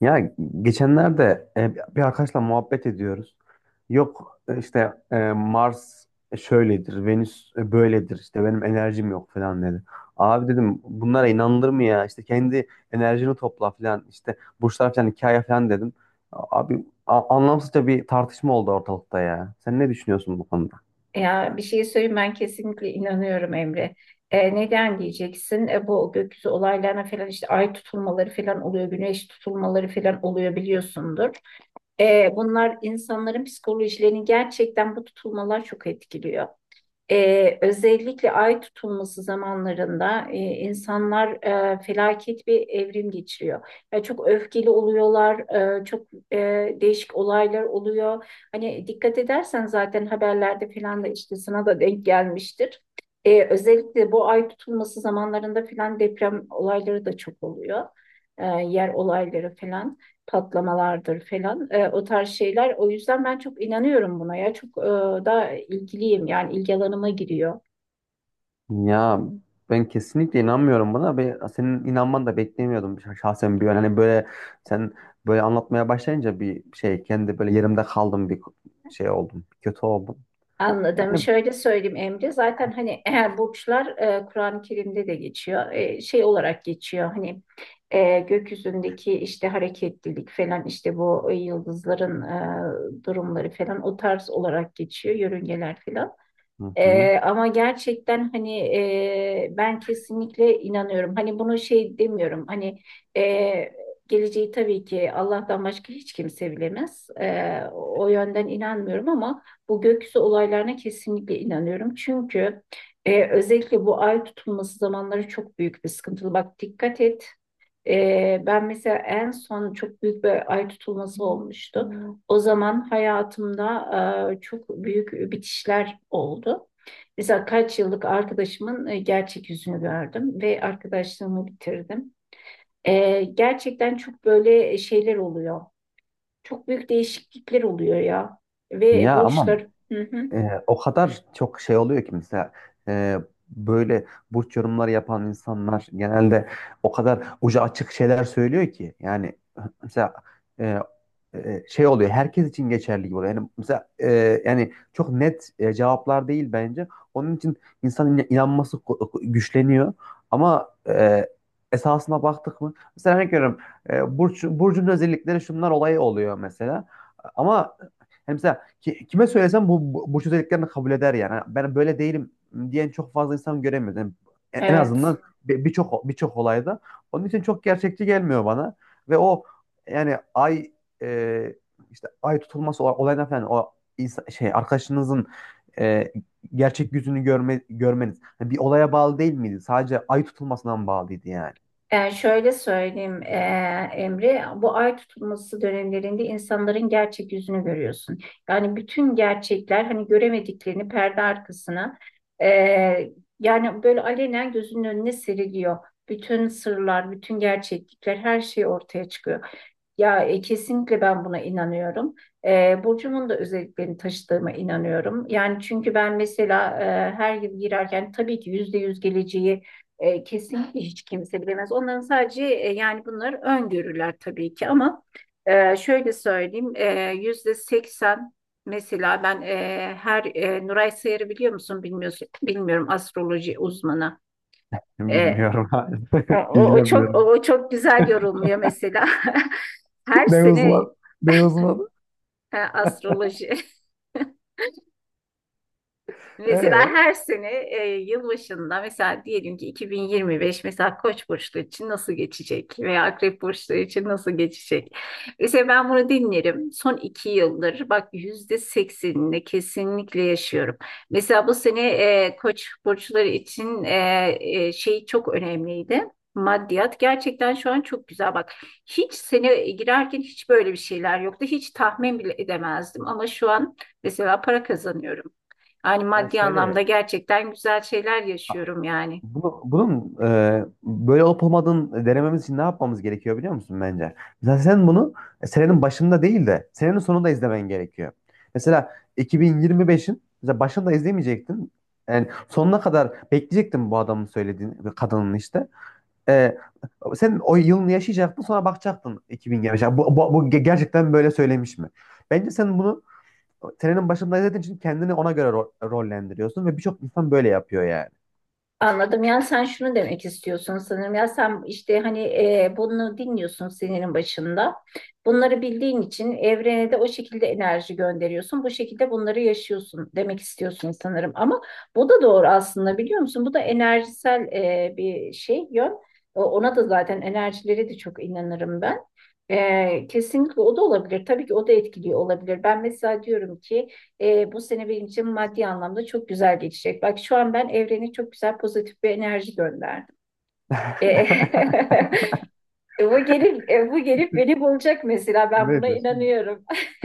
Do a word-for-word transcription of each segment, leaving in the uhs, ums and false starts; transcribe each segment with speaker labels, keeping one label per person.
Speaker 1: Ya geçenlerde e, bir arkadaşla muhabbet ediyoruz. Yok, e, işte, e, Mars şöyledir, Venüs e, böyledir, işte benim enerjim yok falan dedi. Abi dedim, bunlara inanılır mı ya? İşte kendi enerjini topla falan, işte burçlar falan, hikaye falan dedim. Abi a- anlamsızca bir tartışma oldu ortalıkta ya. Sen ne düşünüyorsun bu konuda?
Speaker 2: Ya bir şey söyleyeyim ben kesinlikle inanıyorum Emre. E, neden diyeceksin? E, bu gökyüzü olaylarına falan işte ay tutulmaları falan oluyor, güneş tutulmaları falan oluyor biliyorsundur. E, bunlar insanların psikolojilerini gerçekten bu tutulmalar çok etkiliyor. Ee, özellikle ay tutulması zamanlarında e, insanlar e, felaket bir evrim geçiriyor. Yani çok öfkeli oluyorlar, e, çok e, değişik olaylar oluyor. Hani dikkat edersen zaten haberlerde falan da işte sana da denk gelmiştir. Ee, özellikle bu ay tutulması zamanlarında falan deprem olayları da çok oluyor. Ee, yer olayları falan patlamalardır falan e, o tarz şeyler. O yüzden ben çok inanıyorum buna ya, çok e, da ilgiliyim, yani ilgi alanıma giriyor.
Speaker 1: Ya ben kesinlikle inanmıyorum buna ve senin inanman da beklemiyordum şah- şahsen bir an. Hani böyle sen böyle anlatmaya başlayınca bir şey, kendi böyle yerimde kaldım, bir şey oldum. Kötü oldum.
Speaker 2: Anladım.
Speaker 1: Yani.
Speaker 2: Şöyle söyleyeyim Emre. Zaten hani eğer burçlar e, Kur'an-ı Kerim'de de geçiyor. E, şey olarak geçiyor. Hani e, gökyüzündeki işte hareketlilik falan, işte bu yıldızların e, durumları falan o tarz olarak geçiyor. Yörüngeler falan.
Speaker 1: Hı hı.
Speaker 2: Ee, ama gerçekten hani e, ben kesinlikle inanıyorum. Hani bunu şey demiyorum. Hani e, geleceği tabii ki Allah'tan başka hiç kimse bilemez. Ee, o yönden inanmıyorum ama bu gökyüzü olaylarına kesinlikle inanıyorum. Çünkü e, özellikle bu ay tutulması zamanları çok büyük bir sıkıntılı. Bak, dikkat et. Ee, ben mesela en son çok büyük bir ay tutulması olmuştu. O zaman hayatımda e, çok büyük bitişler oldu. Mesela kaç yıllık arkadaşımın e, gerçek yüzünü gördüm ve arkadaşlığımı bitirdim. E, gerçekten çok böyle şeyler oluyor. Çok büyük değişiklikler oluyor ya. Ve
Speaker 1: Ya ama
Speaker 2: borçlar. Hı hı.
Speaker 1: Ee, o kadar çok şey oluyor ki, mesela e, böyle burç yorumları yapan insanlar genelde o kadar ucu açık şeyler söylüyor ki yani mesela e, e, şey oluyor, herkes için geçerli gibi oluyor. Yani mesela, e, yani çok net e, cevaplar değil bence. Onun için insanın in- inanması ko- güçleniyor ama e, esasına baktık mı, mesela örnek veriyorum, e, burç, burcun özellikleri şunlar olayı oluyor mesela, ama hem ki- kime söylesem bu, bu, bu özelliklerini kabul eder yani. Hani ben böyle değilim diyen çok fazla insan göremiyoruz. Yani en en
Speaker 2: Evet.
Speaker 1: azından bir- birçok birçok olayda. Onun için çok gerçekçi gelmiyor bana. Ve o, yani ay, e, işte ay tutulması olay- olayına falan, o insan, şey, arkadaşınızın e, gerçek yüzünü görme, görmeniz, yani bir olaya bağlı değil miydi? Sadece ay tutulmasından bağlıydı yani.
Speaker 2: E, şöyle söyleyeyim e, Emre, bu ay tutulması dönemlerinde insanların gerçek yüzünü görüyorsun. Yani bütün gerçekler, hani göremediklerini, perde arkasına e, yani böyle alenen gözünün önüne seriliyor. Bütün sırlar, bütün gerçeklikler, her şey ortaya çıkıyor. Ya e, kesinlikle ben buna inanıyorum. E, Burcumun da özelliklerini taşıdığıma inanıyorum. Yani çünkü ben mesela e, her yıl girerken, tabii ki yüzde yüz geleceği e, kesinlikle hiç kimse bilemez. Onların sadece e, yani bunlar öngörüler tabii ki, ama e, şöyle söyleyeyim, e, yüzde seksen mesela ben e, her e, Nuray Sayar'ı biliyor musun bilmiyorsun, bilmiyorum, astroloji uzmanı. E,
Speaker 1: Bilmiyorum.
Speaker 2: o, o çok o,
Speaker 1: İlgilenmiyorum.
Speaker 2: o çok güzel yorumluyor mesela. Her
Speaker 1: Ne uzman?
Speaker 2: sene.
Speaker 1: Ne uzman?
Speaker 2: Ha, astroloji. Mesela
Speaker 1: Ee?
Speaker 2: her sene e, yılbaşında, mesela diyelim ki iki bin yirmi beş mesela Koç burçlu için nasıl geçecek veya Akrep burçlu için nasıl geçecek? Mesela ben bunu dinlerim. Son iki yıldır bak, yüzde seksenini kesinlikle yaşıyorum. Mesela bu sene e, Koç burçları için e, e, şey çok önemliydi. Maddiyat gerçekten şu an çok güzel, bak. Hiç sene girerken hiç böyle bir şeyler yoktu. Hiç tahmin bile edemezdim ama şu an mesela para kazanıyorum. Yani
Speaker 1: Ya
Speaker 2: maddi anlamda
Speaker 1: şöyle,
Speaker 2: gerçekten güzel şeyler yaşıyorum yani.
Speaker 1: bunu, bunun e, böyle olup olmadığını denememiz için ne yapmamız gerekiyor biliyor musun bence? Mesela sen bunu e, senenin başında değil de senenin sonunda izlemen gerekiyor. Mesela iki bin yirmi beşin mesela başında izlemeyecektin. Yani sonuna kadar bekleyecektin bu adamın söylediğini, bu kadının işte. E, Sen o yılını yaşayacaktın, sonra bakacaktın iki bin yirmi beş. Bu, bu, bu ge- gerçekten böyle söylemiş mi? Bence sen bunu senenin başında izlediğin için kendini ona göre ro- rollendiriyorsun, ve birçok insan böyle yapıyor yani.
Speaker 2: Anladım. Yani sen şunu demek istiyorsun sanırım. Ya sen işte hani e, bunu dinliyorsun senenin başında. Bunları bildiğin için evrene de o şekilde enerji gönderiyorsun. Bu şekilde bunları yaşıyorsun demek istiyorsun sanırım. Ama bu da doğru aslında, biliyor musun? Bu da enerjisel e, bir şey yön. O- Ona da zaten, enerjileri de çok inanırım ben. E, kesinlikle o da olabilir. Tabii ki o da etkiliyor olabilir. Ben mesela diyorum ki, E, bu sene benim için maddi anlamda çok güzel geçecek. Bak şu an ben evrene çok güzel pozitif bir enerji gönderdim. E, bu gelip e, bu gelip beni bulacak mesela ben buna
Speaker 1: Neyse şimdi.
Speaker 2: inanıyorum.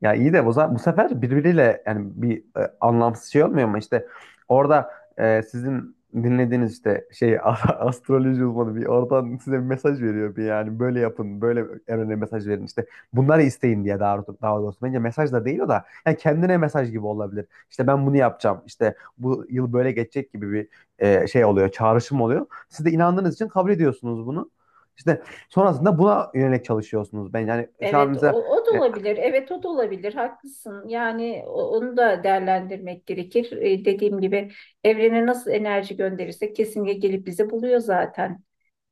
Speaker 1: Ya iyi de bu, za- bu sefer birbiriyle, yani bir e, anlamsız şey olmuyor mu? İşte orada e, sizin dinlediğiniz işte şey astroloji uzmanı bir oradan size bir mesaj veriyor, bir yani böyle yapın, böyle evrene mesaj verin, işte bunları isteyin diye. Daha, daha doğrusu bence mesaj da değil o da, yani kendine mesaj gibi olabilir. İşte ben bunu yapacağım, işte bu yıl böyle geçecek gibi bir e, şey oluyor, çağrışım oluyor. Siz de inandığınız için kabul ediyorsunuz bunu. İşte sonrasında buna yönelik çalışıyorsunuz. Ben yani şu an
Speaker 2: Evet o,
Speaker 1: mesela.
Speaker 2: o da
Speaker 1: e,
Speaker 2: olabilir. Evet o da olabilir. Haklısın. Yani o- onu da değerlendirmek gerekir. E, dediğim gibi evrene nasıl enerji gönderirsek kesinlikle gelip bizi buluyor zaten.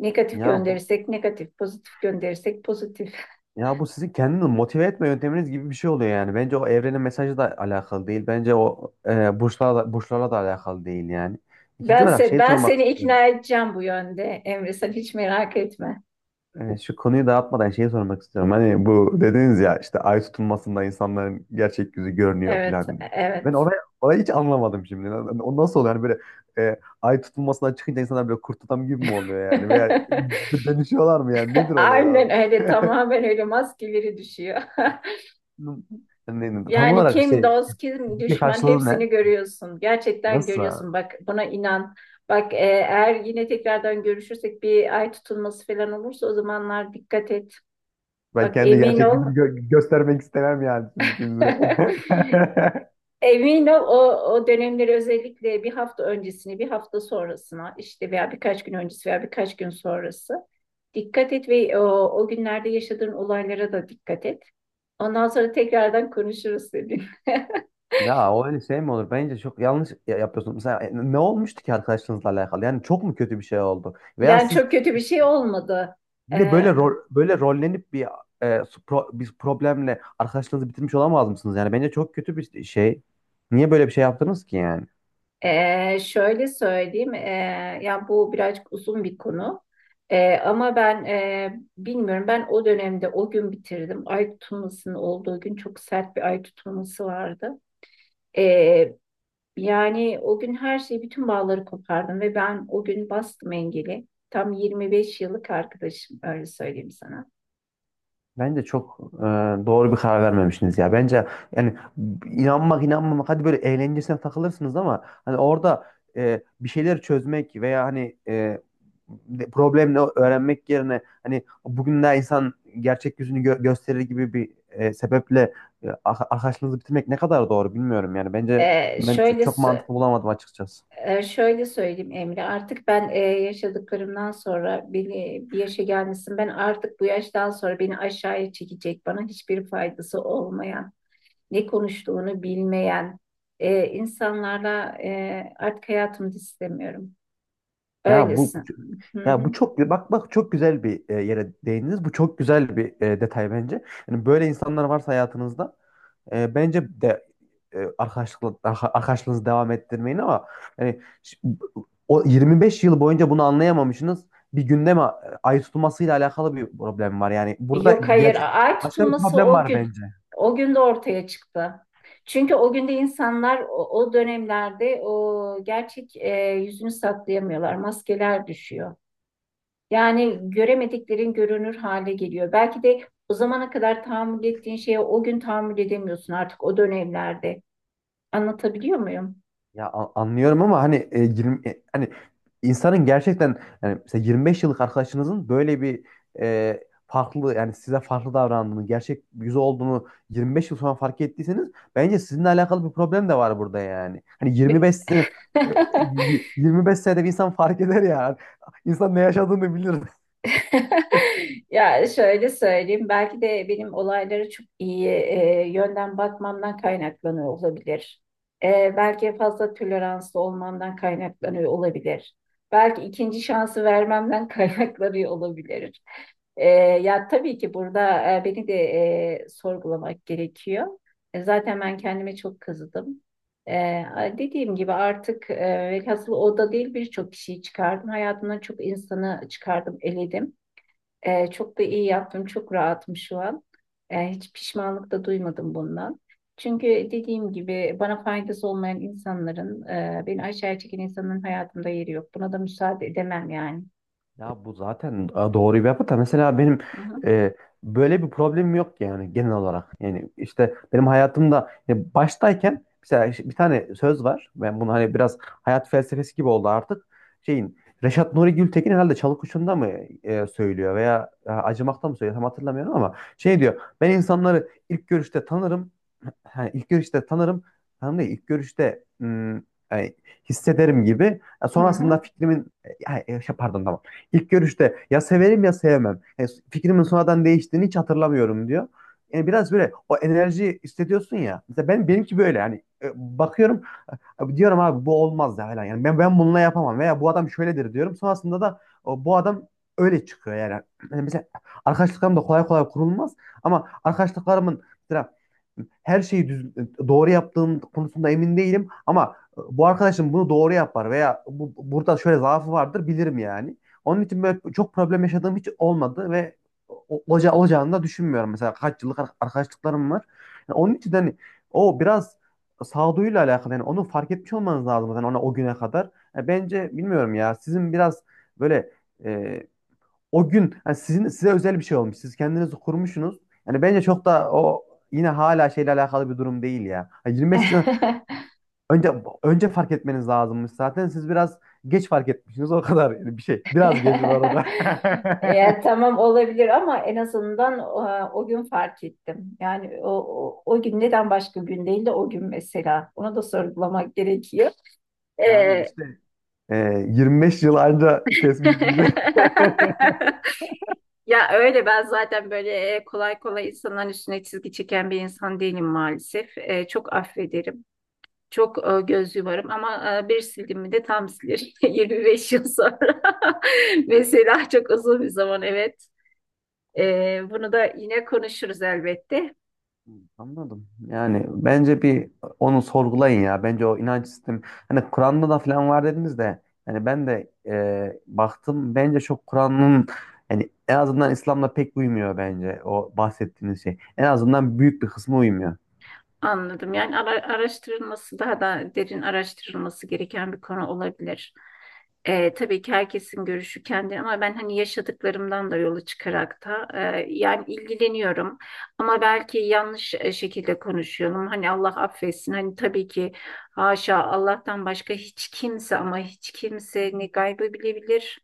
Speaker 2: Negatif
Speaker 1: Ya bu,
Speaker 2: gönderirsek negatif, pozitif gönderirsek pozitif.
Speaker 1: ya bu sizin kendini motive etme yönteminiz gibi bir şey oluyor yani. Bence o evrenin mesajı da alakalı değil. Bence o, e, burçlarla da, burçlarla da alakalı değil yani. İkinci
Speaker 2: Ben,
Speaker 1: olarak
Speaker 2: se
Speaker 1: şey
Speaker 2: ben
Speaker 1: sormak
Speaker 2: seni
Speaker 1: istiyorum.
Speaker 2: ikna edeceğim bu yönde Emre sen hiç merak etme.
Speaker 1: E, şu konuyu dağıtmadan şeyi sormak istiyorum. Hani bu dediniz ya, işte ay tutulmasında insanların gerçek yüzü görünüyor
Speaker 2: Evet,
Speaker 1: falan diye. Ben
Speaker 2: evet.
Speaker 1: orayı, orayı hiç anlamadım şimdi. O nasıl oluyor? Hani böyle e, ay tutulmasından çıkınca insanlar böyle kurt adam gibi mi oluyor yani? Veya dönüşüyorlar mı yani? Nedir olay abi?
Speaker 2: Aynen öyle tamamen öyle maskeleri düşüyor.
Speaker 1: Ne- Tam
Speaker 2: Yani
Speaker 1: olarak
Speaker 2: kim
Speaker 1: şey,
Speaker 2: dost, kim
Speaker 1: fiziki
Speaker 2: düşman
Speaker 1: karşılığı ne?
Speaker 2: hepsini görüyorsun. Gerçekten
Speaker 1: Nasıl?
Speaker 2: görüyorsun. Bak buna inan. Bak e, eğer yine tekrardan görüşürsek bir ay tutulması falan olursa o zamanlar dikkat et.
Speaker 1: Ben
Speaker 2: Bak
Speaker 1: kendi
Speaker 2: emin
Speaker 1: gerçek
Speaker 2: ol.
Speaker 1: yüzümü gö- göstermek istemem yani şimdikinize.
Speaker 2: Emin ol o, o dönemleri özellikle bir hafta öncesini, bir hafta sonrasına işte veya birkaç gün öncesi veya birkaç gün sonrası dikkat et ve o, o günlerde yaşadığın olaylara da dikkat et. Ondan sonra tekrardan konuşuruz dedim.
Speaker 1: Ya o öyle şey mi olur? Bence çok yanlış ya- yapıyorsun. Mesela e, ne olmuştu ki arkadaşlarınızla alakalı? Yani çok mu kötü bir şey oldu? Veya
Speaker 2: Yani
Speaker 1: siz
Speaker 2: çok kötü bir şey olmadı.
Speaker 1: yine
Speaker 2: Ee,
Speaker 1: böyle rol, böyle rollenip bir e, su- pro- bir problemle arkadaşlığınızı bitirmiş olamaz mısınız? Yani bence çok kötü bir şey. Niye böyle bir şey yaptınız ki yani?
Speaker 2: e, şöyle söyleyeyim, ee, yani bu birazcık uzun bir konu. Ee, ama ben ee, bilmiyorum, ben o dönemde o gün bitirdim. Ay tutulmasının olduğu gün çok sert bir ay tutulması vardı. Ee, yani o gün her şeyi, bütün bağları kopardım ve ben o gün bastım engeli. Tam yirmi beş yıllık arkadaşım, öyle söyleyeyim sana.
Speaker 1: Bence çok e, doğru bir karar vermemişsiniz ya. Bence yani, inanmak inanmamak, hadi böyle eğlencesine takılırsınız, ama hani orada e, bir şeyler çözmek veya hani e, de- problemle öğrenmek yerine, hani bugün de insan gerçek yüzünü gö- gösterir gibi bir e, sebeple e, ar- arkadaşlığınızı bitirmek ne kadar doğru bilmiyorum yani. Bence
Speaker 2: Ee,
Speaker 1: ben ço-
Speaker 2: şöyle
Speaker 1: çok
Speaker 2: sö-
Speaker 1: mantıklı bulamadım açıkçası.
Speaker 2: Ee, şöyle söyleyeyim Emre, artık ben e, yaşadıklarımdan sonra beni bir yaşa gelmişsin. Ben artık bu yaştan sonra beni aşağıya çekecek, bana hiçbir faydası olmayan, ne konuştuğunu bilmeyen e, insanlarla e, artık hayatımda istemiyorum.
Speaker 1: Ya bu,
Speaker 2: Öylesin. Hı
Speaker 1: ya
Speaker 2: hı.
Speaker 1: bu çok, bak bak, çok güzel bir e, yere değindiniz. Bu çok güzel bir e, detay bence. Yani böyle insanlar varsa hayatınızda, e, bence de e, arkadaşlık arka- arkadaşlığınızı devam ettirmeyin, ama yani ş- o yirmi beş yıl boyunca bunu anlayamamışsınız. Bir günde gündeme ayı tutulmasıyla alakalı bir problem var. Yani burada
Speaker 2: Yok hayır,
Speaker 1: gerçek
Speaker 2: ay
Speaker 1: başka bir
Speaker 2: tutulması
Speaker 1: problem
Speaker 2: o
Speaker 1: var
Speaker 2: gün.
Speaker 1: bence.
Speaker 2: O gün de ortaya çıktı. Çünkü o günde insanlar o, o dönemlerde o gerçek e, yüzünü saklayamıyorlar, maskeler düşüyor. Yani göremediklerin görünür hale geliyor. Belki de o zamana kadar tahammül ettiğin şeye o gün tahammül edemiyorsun artık o dönemlerde. Anlatabiliyor muyum?
Speaker 1: Ya a- anlıyorum, ama hani e, yirmi e, hani insanın gerçekten, yani mesela yirmi beş yıllık arkadaşınızın böyle bir e, farklı, yani size farklı davrandığını, gerçek yüzü olduğunu yirmi beş yıl sonra fark ettiyseniz, bence sizinle alakalı bir problem de var burada yani. Hani yirmi beş sene, e, y- yirmi beş senede bir insan fark eder ya. İnsan ne yaşadığını bilir.
Speaker 2: Ya şöyle söyleyeyim, belki de benim olaylara çok iyi e, yönden bakmamdan kaynaklanıyor olabilir. E, belki fazla toleranslı olmamdan kaynaklanıyor olabilir. Belki ikinci şansı vermemden kaynaklanıyor olabilir. E, ya tabii ki burada e, beni de e, sorgulamak gerekiyor. E, zaten ben kendime çok kızdım. E, dediğim gibi artık e, velhasıl o da değil birçok kişiyi çıkardım. Hayatımdan çok insanı çıkardım, eledim. Ee, çok da iyi yaptım. Çok rahatım şu an Ee, hiç pişmanlık da duymadım bundan. Çünkü dediğim gibi bana faydası olmayan insanların, e, beni aşağıya çeken insanların hayatımda yeri yok. Buna da müsaade edemem yani.
Speaker 1: Ya bu zaten e, doğru bir yapı da, mesela benim
Speaker 2: Hı hı.
Speaker 1: e, böyle bir problemim yok yani, genel olarak. Yani işte benim hayatımda e, baştayken mesela, ş- bir tane söz var. Ben bunu hani biraz hayat felsefesi gibi oldu artık. Şeyin, Reşat Nuri Gültekin herhalde Çalıkuşu'nda mı e, söylüyor veya e, Acımak'ta mı söylüyor tam hatırlamıyorum, ama şey diyor. Ben insanları ilk görüşte tanırım. Ha, ilk görüşte tanırım. Tanırım değil, ilk görüşte hmm, e, hissederim gibi. E,
Speaker 2: Hı hı.
Speaker 1: sonrasında fikrimin e, ya, e, şey, pardon, tamam. İlk görüşte ya severim, ya sevmem. Yani fikrimin sonradan değiştiğini hiç hatırlamıyorum diyor. Yani biraz böyle o enerji hissediyorsun ya. Mesela ben, benimki böyle yani, e, bakıyorum, abi diyorum, abi bu olmaz ya falan. Yani ben ben bununla yapamam veya bu adam şöyledir diyorum. Sonrasında da o, bu adam öyle çıkıyor yani. Yani mesela arkadaşlıklarım da kolay kolay kurulmaz, ama arkadaşlıklarımın mesela her şeyi düz, doğru yaptığım konusunda emin değilim, ama e, bu arkadaşım bunu doğru yapar veya bu, burada şöyle zaafı vardır bilirim yani. Onun için böyle çok problem yaşadığım hiç olmadı ve o- olaca- olacağını da düşünmüyorum. Mesela kaç yıllık ar- arkadaşlıklarım var. Yani onun için de hani o biraz sağduyuyla alakalı yani, onu fark etmiş olmanız lazım zaten ona o güne kadar. Yani bence bilmiyorum, ya sizin biraz böyle e, o gün yani sizin, size özel bir şey olmuş. Siz kendinizi kurmuşsunuz. Yani bence çok da o, yine hala şeyle alakalı bir durum değil ya. Yani yirmi beş yıl önce önce fark etmeniz lazımmış zaten. Siz biraz geç fark etmişsiniz o kadar yani, bir şey. Biraz geç bu arada.
Speaker 2: Ya, tamam olabilir ama en azından e, o, gün fark ettim. Yani o, o, o gün neden başka gün değil de o gün mesela. Ona da sorgulamak gerekiyor.
Speaker 1: Yani
Speaker 2: Ee,
Speaker 1: işte e, yirmi beş yıl anca kesmiş sizi.
Speaker 2: Ya öyle ben zaten böyle e, kolay kolay insanların üstüne çizgi çeken bir insan değilim maalesef. E, çok affederim. Çok e, göz yumarım ama e, bir sildim mi de tam silir. yirmi beş yıl sonra. Mesela çok uzun bir zaman evet. Ee, bunu da yine konuşuruz elbette.
Speaker 1: Anladım. Yani bence bir onu sorgulayın ya. Bence o inanç sistemi, hani Kur'an'da da falan var dediniz de, yani ben de e, baktım, bence çok Kur'an'ın yani en azından İslam'la pek uymuyor bence o bahsettiğiniz şey. En azından büyük bir kısmı uymuyor.
Speaker 2: Anladım. Yani ara- araştırılması daha da derin araştırılması gereken bir konu olabilir. Ee, tabii ki herkesin görüşü kendi ama ben hani yaşadıklarımdan da yola çıkarak da e, yani ilgileniyorum ama belki yanlış e, şekilde konuşuyorum. Hani Allah affetsin. Hani tabii ki haşa Allah'tan başka hiç kimse ama hiç kimse ne gaybı bilebilir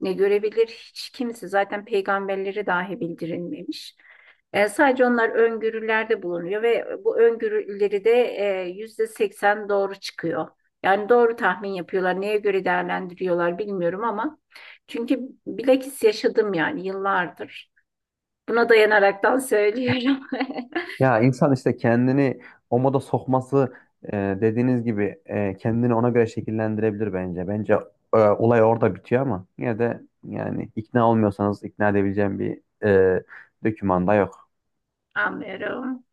Speaker 2: ne görebilir hiç kimse zaten peygamberlere dahi bildirilmemiş. E, sadece onlar öngörülerde bulunuyor ve bu öngörüleri de e, yüzde seksen doğru çıkıyor. Yani doğru tahmin yapıyorlar. Neye göre değerlendiriyorlar bilmiyorum ama çünkü bilakis yaşadım yani yıllardır. Buna dayanaraktan söylüyorum.
Speaker 1: Ya insan işte kendini o moda sokması, e, dediğiniz gibi e, kendini ona göre şekillendirebilir bence. Bence e, olay orada bitiyor, ama yine de yani ikna olmuyorsanız, ikna edebileceğim bir e, dokümanda yok.
Speaker 2: Anlıyorum.